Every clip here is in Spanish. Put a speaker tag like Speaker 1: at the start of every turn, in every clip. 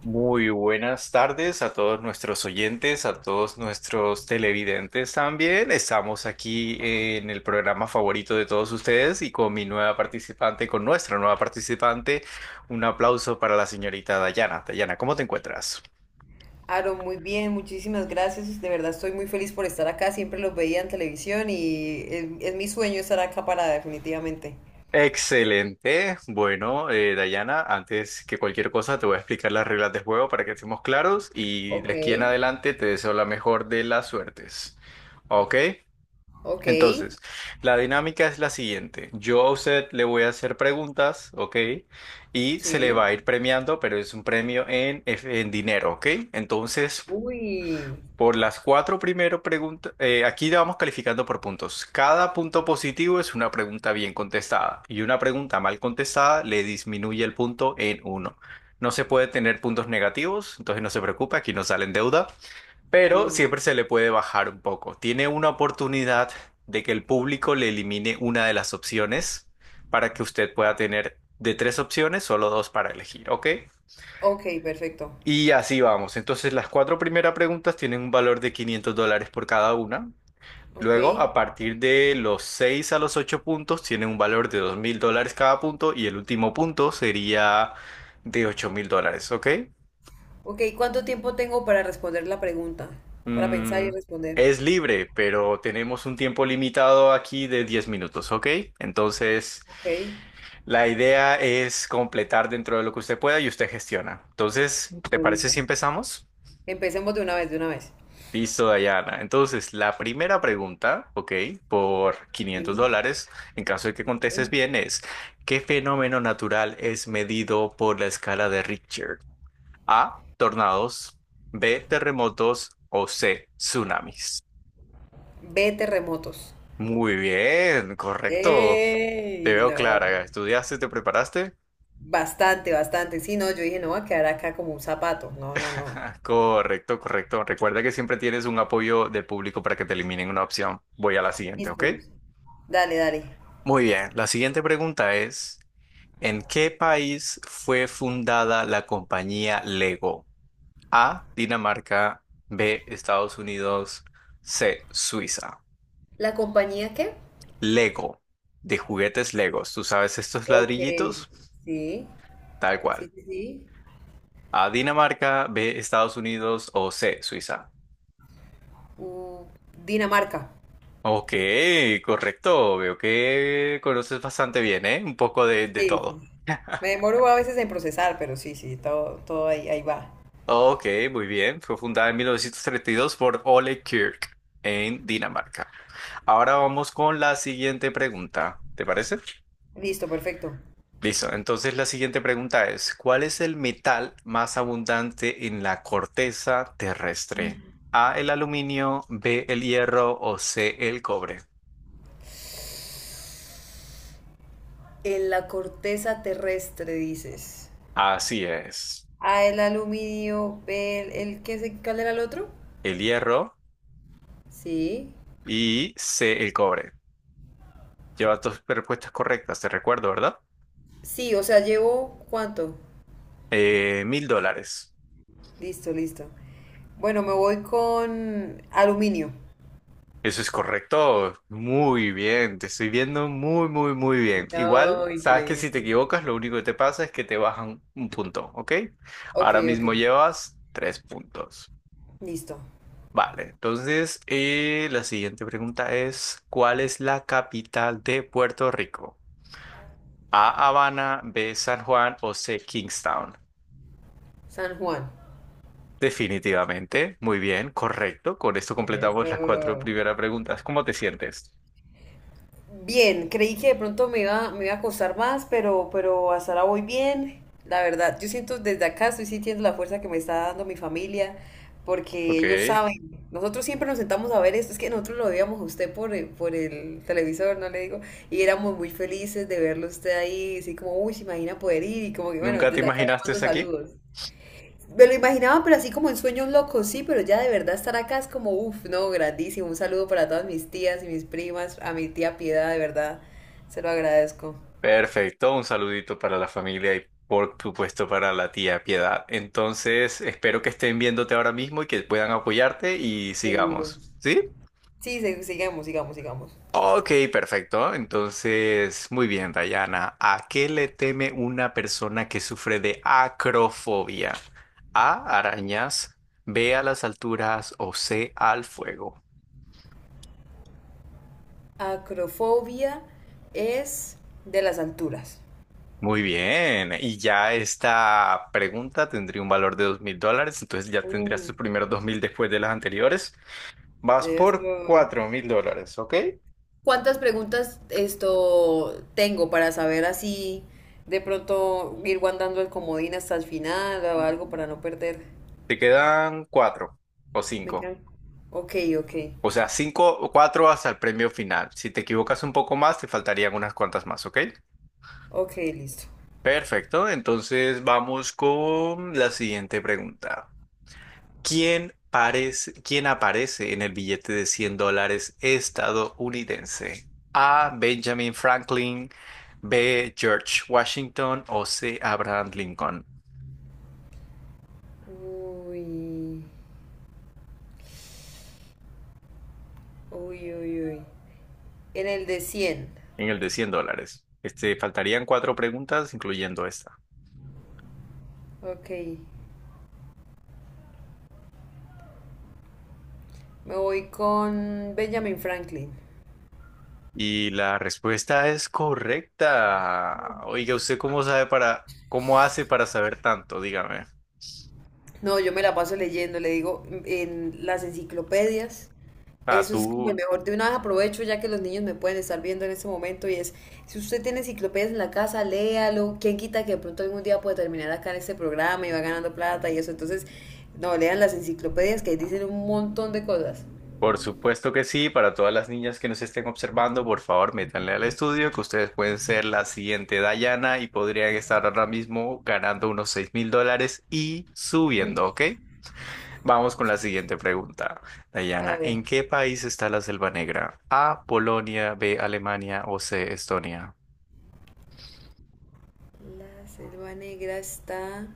Speaker 1: Muy buenas tardes a todos nuestros oyentes, a todos nuestros televidentes también. Estamos aquí en el programa favorito de todos ustedes y con mi nueva participante, con nuestra nueva participante, un aplauso para la señorita Dayana. Dayana, ¿cómo te encuentras?
Speaker 2: Aaron, muy bien, muchísimas gracias. De verdad estoy muy feliz por estar acá. Siempre los veía en televisión y es mi sueño estar acá para definitivamente.
Speaker 1: Excelente. Bueno, Dayana, antes que cualquier cosa te voy a explicar las reglas del juego para que estemos claros y de
Speaker 2: Ok,
Speaker 1: aquí en adelante te deseo la mejor de las suertes. ¿Ok?
Speaker 2: ok,
Speaker 1: Entonces, la dinámica es la siguiente. Yo a usted le voy a hacer preguntas, ¿ok? Y se le
Speaker 2: sí.
Speaker 1: va a ir premiando, pero es un premio en dinero, ¿ok? Entonces,
Speaker 2: Uy,
Speaker 1: por las cuatro primero preguntas, aquí la vamos calificando por puntos. Cada punto positivo es una pregunta bien contestada y una pregunta mal contestada le disminuye el punto en uno. No se puede tener puntos negativos, entonces no se preocupe, aquí no sale en deuda pero
Speaker 2: uy.
Speaker 1: siempre se le puede bajar un poco. Tiene una oportunidad de que el público le elimine una de las opciones para que usted pueda tener de tres opciones, solo dos para elegir, ¿ok?
Speaker 2: Ok, perfecto.
Speaker 1: Y así vamos. Entonces las cuatro primeras preguntas tienen un valor de 500 dólares por cada una.
Speaker 2: Ok,
Speaker 1: Luego, a partir de los 6 a los 8 puntos, tienen un valor de 2000 dólares cada punto y el último punto sería de 8000 dólares, ¿ok?
Speaker 2: ok. ¿Cuánto tiempo tengo para responder la pregunta? Para pensar y
Speaker 1: Mm,
Speaker 2: responder.
Speaker 1: es libre, pero tenemos un tiempo limitado aquí de 10 minutos, ¿ok? Entonces,
Speaker 2: Ok,
Speaker 1: la idea es completar dentro de lo que usted pueda y usted gestiona. Entonces, ¿te
Speaker 2: listo,
Speaker 1: parece
Speaker 2: listo.
Speaker 1: si empezamos?
Speaker 2: Empecemos de una vez, de una vez.
Speaker 1: Listo, Dayana. Entonces, la primera pregunta, ¿ok? Por quinientos
Speaker 2: Sí,
Speaker 1: dólares, en caso de que
Speaker 2: ok.
Speaker 1: contestes bien, es, ¿qué fenómeno natural es medido por la escala de Richter? A, tornados, B, terremotos o C, tsunamis.
Speaker 2: Ve terremotos.
Speaker 1: Muy bien, correcto. Te
Speaker 2: ¡Ey!
Speaker 1: veo
Speaker 2: No.
Speaker 1: clara. ¿Estudiaste, te preparaste?
Speaker 2: Bastante, bastante. Sí, no, yo dije, no va a quedar acá como un zapato. No, no, no.
Speaker 1: Correcto, correcto. Recuerda que siempre tienes un apoyo del público para que te eliminen una opción. Voy a la siguiente, ¿ok?
Speaker 2: Listo, Luz. Dale, dale.
Speaker 1: Muy bien. La siguiente pregunta es, ¿en qué país fue fundada la compañía Lego? A, Dinamarca, B, Estados Unidos, C, Suiza.
Speaker 2: ¿La compañía qué?
Speaker 1: Lego, de juguetes Legos. ¿Tú sabes estos
Speaker 2: Ok.
Speaker 1: ladrillitos?
Speaker 2: Sí,
Speaker 1: Tal cual.
Speaker 2: sí, sí, sí.
Speaker 1: A Dinamarca, B, Estados Unidos o C, Suiza.
Speaker 2: Uh, Dinamarca.
Speaker 1: Ok, correcto. Veo que conoces bastante bien, ¿eh? Un poco de
Speaker 2: Sí,
Speaker 1: todo.
Speaker 2: sí. Me demoro a veces en procesar, pero sí, sí, todo, todo ahí, ahí va.
Speaker 1: Ok, muy bien. Fue fundada en 1932 por Ole Kirk en Dinamarca. Ahora vamos con la siguiente pregunta. ¿Te parece?
Speaker 2: Listo, perfecto.
Speaker 1: Listo. Entonces la siguiente pregunta es, ¿cuál es el metal más abundante en la corteza terrestre? A, el aluminio, B, el hierro o C, el cobre.
Speaker 2: En la corteza terrestre, dices.
Speaker 1: Así es.
Speaker 2: A, el aluminio, B, el que se, ¿cuál era el otro?
Speaker 1: El hierro
Speaker 2: Sí.
Speaker 1: y C, el cobre. Lleva dos respuestas correctas, te recuerdo, ¿verdad?
Speaker 2: Sí, o sea, llevo, ¿cuánto?
Speaker 1: Mil dólares.
Speaker 2: Listo, listo. Bueno, me voy con aluminio.
Speaker 1: Eso es correcto. Muy bien, te estoy viendo muy, muy, muy bien. Igual,
Speaker 2: No,
Speaker 1: sabes que si te
Speaker 2: increíble.
Speaker 1: equivocas, lo único que te pasa es que te bajan un punto, ¿ok?
Speaker 2: Ok,
Speaker 1: Ahora
Speaker 2: ok.
Speaker 1: mismo llevas tres puntos.
Speaker 2: Listo.
Speaker 1: Vale, entonces la siguiente pregunta es, ¿cuál es la capital de Puerto Rico? A, Habana, B, San Juan o C, Kingstown.
Speaker 2: San Juan.
Speaker 1: Definitivamente, muy bien, correcto. Con esto
Speaker 2: Eso.
Speaker 1: completamos las cuatro primeras preguntas. ¿Cómo te sientes?
Speaker 2: Bien, creí que de pronto me iba a costar más, pero hasta ahora voy bien. La verdad, yo siento desde acá, estoy sintiendo la fuerza que me está dando mi familia, porque
Speaker 1: Ok,
Speaker 2: ellos saben. Nosotros siempre nos sentamos a ver esto, es que nosotros lo veíamos a usted por, por el televisor, no le digo, y éramos muy felices de verlo a usted ahí, así como, uy, se imagina poder ir, y como que bueno,
Speaker 1: ¿nunca te
Speaker 2: desde acá le
Speaker 1: imaginaste
Speaker 2: mando
Speaker 1: aquí?
Speaker 2: saludos. Me lo imaginaba, pero así como en sueños locos, sí, pero ya de verdad estar acá es como, uff, no, grandísimo. Un saludo para todas mis tías y mis primas, a mi tía Piedad, de verdad, se lo agradezco.
Speaker 1: Perfecto, un saludito para la familia y por supuesto para la tía Piedad. Entonces, espero que estén viéndote ahora mismo y que puedan apoyarte y
Speaker 2: Seguro.
Speaker 1: sigamos. ¿Sí?
Speaker 2: Sí, sigamos, sigamos, sigamos.
Speaker 1: Ok, perfecto. Entonces, muy bien, Dayana. ¿A qué le teme una persona que sufre de acrofobia? A, arañas, B, a las alturas o C, al fuego.
Speaker 2: Acrofobia es de las alturas.
Speaker 1: Muy bien. Y ya esta pregunta tendría un valor de dos mil dólares. Entonces ya tendrías
Speaker 2: Uh,
Speaker 1: tus primeros 2000 después de las anteriores. Vas
Speaker 2: debe
Speaker 1: por 4000 dólares, ¿ok?
Speaker 2: ¿Cuántas preguntas esto tengo para saber así de pronto ir guardando el comodín hasta el final o algo para no perder?
Speaker 1: Te quedan cuatro o
Speaker 2: Me
Speaker 1: cinco.
Speaker 2: quedan. Ok, ok.
Speaker 1: O sea, cinco o cuatro hasta el premio final. Si te equivocas un poco más, te faltarían unas cuantas más, ¿ok?
Speaker 2: Ok, listo.
Speaker 1: Perfecto. Entonces vamos con la siguiente pregunta. ¿Quién aparece en el billete de 100 dólares estadounidense? A, Benjamin Franklin. B, George Washington o C, Abraham Lincoln.
Speaker 2: Uy, uy, uy, uy. En el de cien.
Speaker 1: En el de 100 dólares. Este, faltarían cuatro preguntas, incluyendo esta.
Speaker 2: Ok. Me voy con Benjamin Franklin.
Speaker 1: Y la respuesta es correcta. Oiga, ¿usted cómo sabe para, cómo hace para saber tanto? Dígame.
Speaker 2: No, yo me la paso leyendo, le digo, en las enciclopedias.
Speaker 1: Ah,
Speaker 2: Eso es como el
Speaker 1: tú,
Speaker 2: mejor. De una vez aprovecho ya que los niños me pueden estar viendo en este momento y es, si usted tiene enciclopedias en la casa, léalo. ¿Quién quita que de pronto algún día puede terminar acá en este programa y va ganando plata y eso? Entonces, no, lean las enciclopedias que dicen un montón de cosas.
Speaker 1: por supuesto que sí. Para todas las niñas que nos estén observando, por favor, métanle al estudio que ustedes pueden ser la siguiente Dayana y podrían estar ahora mismo ganando unos 6000 dólares y subiendo, ¿ok? Vamos con la siguiente pregunta.
Speaker 2: A
Speaker 1: Dayana,
Speaker 2: ver.
Speaker 1: ¿en qué país está la Selva Negra? A, Polonia, B, Alemania o C, Estonia.
Speaker 2: La selva negra está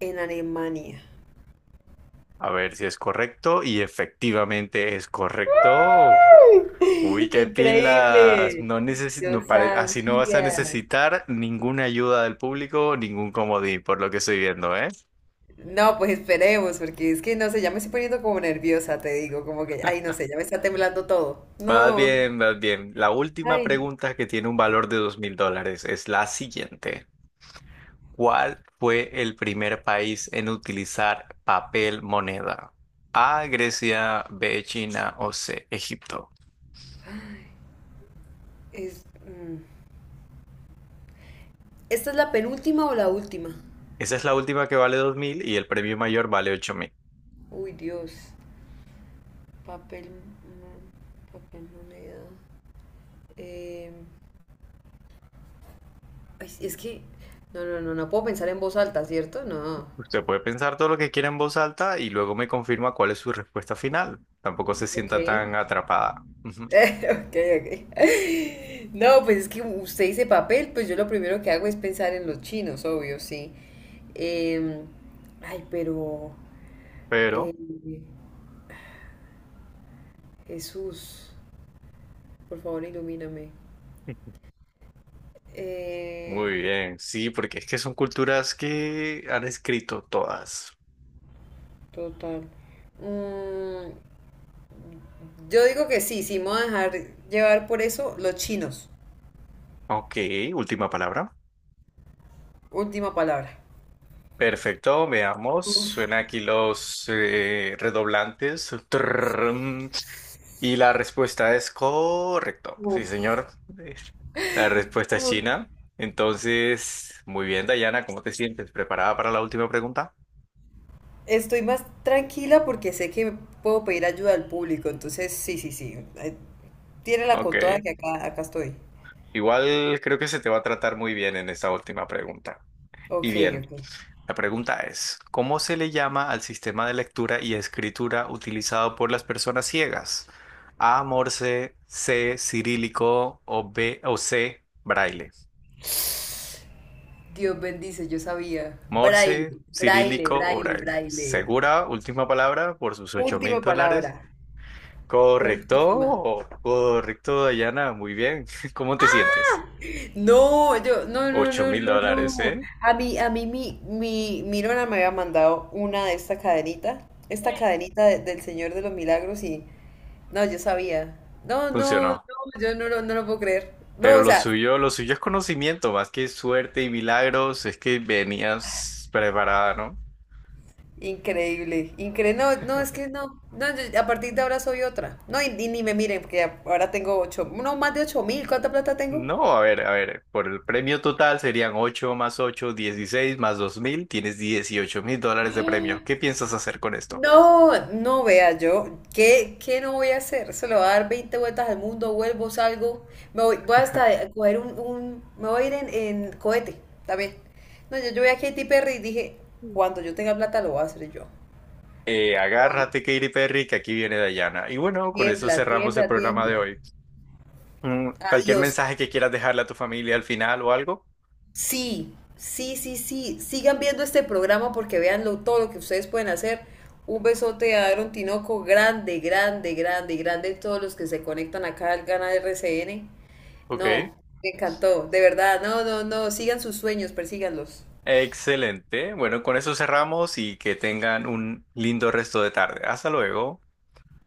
Speaker 2: en Alemania.
Speaker 1: A ver si es correcto y efectivamente es correcto. Uy, qué pilas.
Speaker 2: Increíble.
Speaker 1: No necesi-
Speaker 2: Yo
Speaker 1: no pare- así no vas a
Speaker 2: sabía.
Speaker 1: necesitar ninguna ayuda del público, ningún comodín, por lo que estoy viendo, ¿eh?
Speaker 2: No, pues esperemos, porque es que no sé, ya me estoy poniendo como nerviosa, te digo, como que, ay, no sé, ya me está temblando todo.
Speaker 1: Vas
Speaker 2: No,
Speaker 1: bien, vas bien. La última
Speaker 2: ay,
Speaker 1: pregunta que tiene un valor de 2000 dólares es la siguiente. ¿Cuál fue el primer país en utilizar papel moneda? A, Grecia, B, China o C, Egipto.
Speaker 2: es, mm. ¿Esta es la penúltima o la última?
Speaker 1: Esa es la última que vale 2000 y el premio mayor vale ocho.
Speaker 2: Uy, Dios, papel, papel, moneda. Eh, ay, no, no, no, no puedo pensar en voz alta, ¿cierto? No.
Speaker 1: Usted puede pensar todo lo que quiera en voz alta y luego me confirma cuál es su respuesta final. Tampoco se
Speaker 2: Ok.
Speaker 1: sienta tan atrapada. Ujú.
Speaker 2: Ok, ok. No, pues es que usted dice papel, pues yo lo primero que hago es pensar en los chinos, obvio, sí. Em, ay, pero eh,
Speaker 1: Pero,
Speaker 2: Jesús, por favor, ilumíname. Eh,
Speaker 1: muy bien, sí, porque es que son culturas que han escrito todas.
Speaker 2: total. Mm, yo digo que sí, sí, me voy a dejar llevar por eso los chinos.
Speaker 1: Ok, última palabra.
Speaker 2: Última palabra.
Speaker 1: Perfecto, veamos.
Speaker 2: Uf,
Speaker 1: Suena aquí los redoblantes. Trrrrrrm. Y la respuesta es correcto. Sí,
Speaker 2: uf,
Speaker 1: señor. Eh, La respuesta es
Speaker 2: uf.
Speaker 1: China. Entonces, muy bien, Dayana, ¿cómo te sientes? ¿Preparada para la última pregunta?
Speaker 2: Estoy más tranquila porque sé que puedo pedir ayuda al público, entonces sí, sí, sí. Tírala
Speaker 1: Ok,
Speaker 2: con toda que acá, acá estoy.
Speaker 1: igual creo que se te va a tratar muy bien en esta última pregunta.
Speaker 2: Ok,
Speaker 1: Y bien,
Speaker 2: ok.
Speaker 1: la pregunta es, ¿cómo se le llama al sistema de lectura y escritura utilizado por las personas ciegas? A, Morse, C, cirílico o B o C, braille.
Speaker 2: Dios bendice, yo sabía. Braille,
Speaker 1: Morse,
Speaker 2: braille,
Speaker 1: cirílico o
Speaker 2: braille,
Speaker 1: braille.
Speaker 2: braille.
Speaker 1: ¿Segura? Última palabra por sus ocho mil
Speaker 2: Última
Speaker 1: dólares.
Speaker 2: palabra. Última.
Speaker 1: Correcto, correcto, Dayana, muy bien. ¿Cómo te sientes?
Speaker 2: No, yo, no, no,
Speaker 1: 8
Speaker 2: no,
Speaker 1: mil
Speaker 2: no,
Speaker 1: dólares,
Speaker 2: no.
Speaker 1: ¿eh?
Speaker 2: A mí, mi nona me había mandado una de esta cadenita del Señor de los Milagros y no, yo sabía. No, no, no,
Speaker 1: Funcionó.
Speaker 2: yo no lo puedo creer. No,
Speaker 1: Pero
Speaker 2: o sea,
Speaker 1: lo suyo es conocimiento, más que suerte y milagros, es que venías preparada, ¿no?
Speaker 2: increíble, increíble. No, no, es que no. No, a partir de ahora soy otra. No, y ni me miren, ahora tengo ocho, no, más de 8000. ¿Cuánta plata tengo?
Speaker 1: No, a ver, por el premio total serían 8 más 8, 16 más 2000. Tienes 18000 dólares de premio. ¿Qué piensas hacer con esto?
Speaker 2: No, no vea yo. ¿Qué no voy a hacer? Se lo voy a dar 20 vueltas al mundo, vuelvo, salgo. Me voy, voy hasta a coger un- Me voy a ir en cohete también. No, yo vi a Katy Perry y dije, cuando yo tenga plata lo voy a hacer yo.
Speaker 1: Eh,
Speaker 2: Voy.
Speaker 1: agárrate, Katy Perry, que aquí viene Dayana. Y bueno, con eso
Speaker 2: Tiembla,
Speaker 1: cerramos el
Speaker 2: tiembla,
Speaker 1: programa de
Speaker 2: tiembla.
Speaker 1: hoy. ¿Cualquier
Speaker 2: Adiós.
Speaker 1: mensaje que quieras dejarle a tu familia al final o algo?
Speaker 2: Sí, sí, sí, sí. Sigan viendo este programa porque vean todo lo que ustedes pueden hacer. Un besote a Aaron Tinoco, grande, grande, grande, grande. Todos los que se conectan acá al Gana RCN.
Speaker 1: Ok.
Speaker 2: No, me encantó, de verdad. No, no, no. Sigan sus sueños, persíganlos.
Speaker 1: Excelente. Bueno, con eso cerramos y que tengan un lindo resto de tarde. Hasta luego.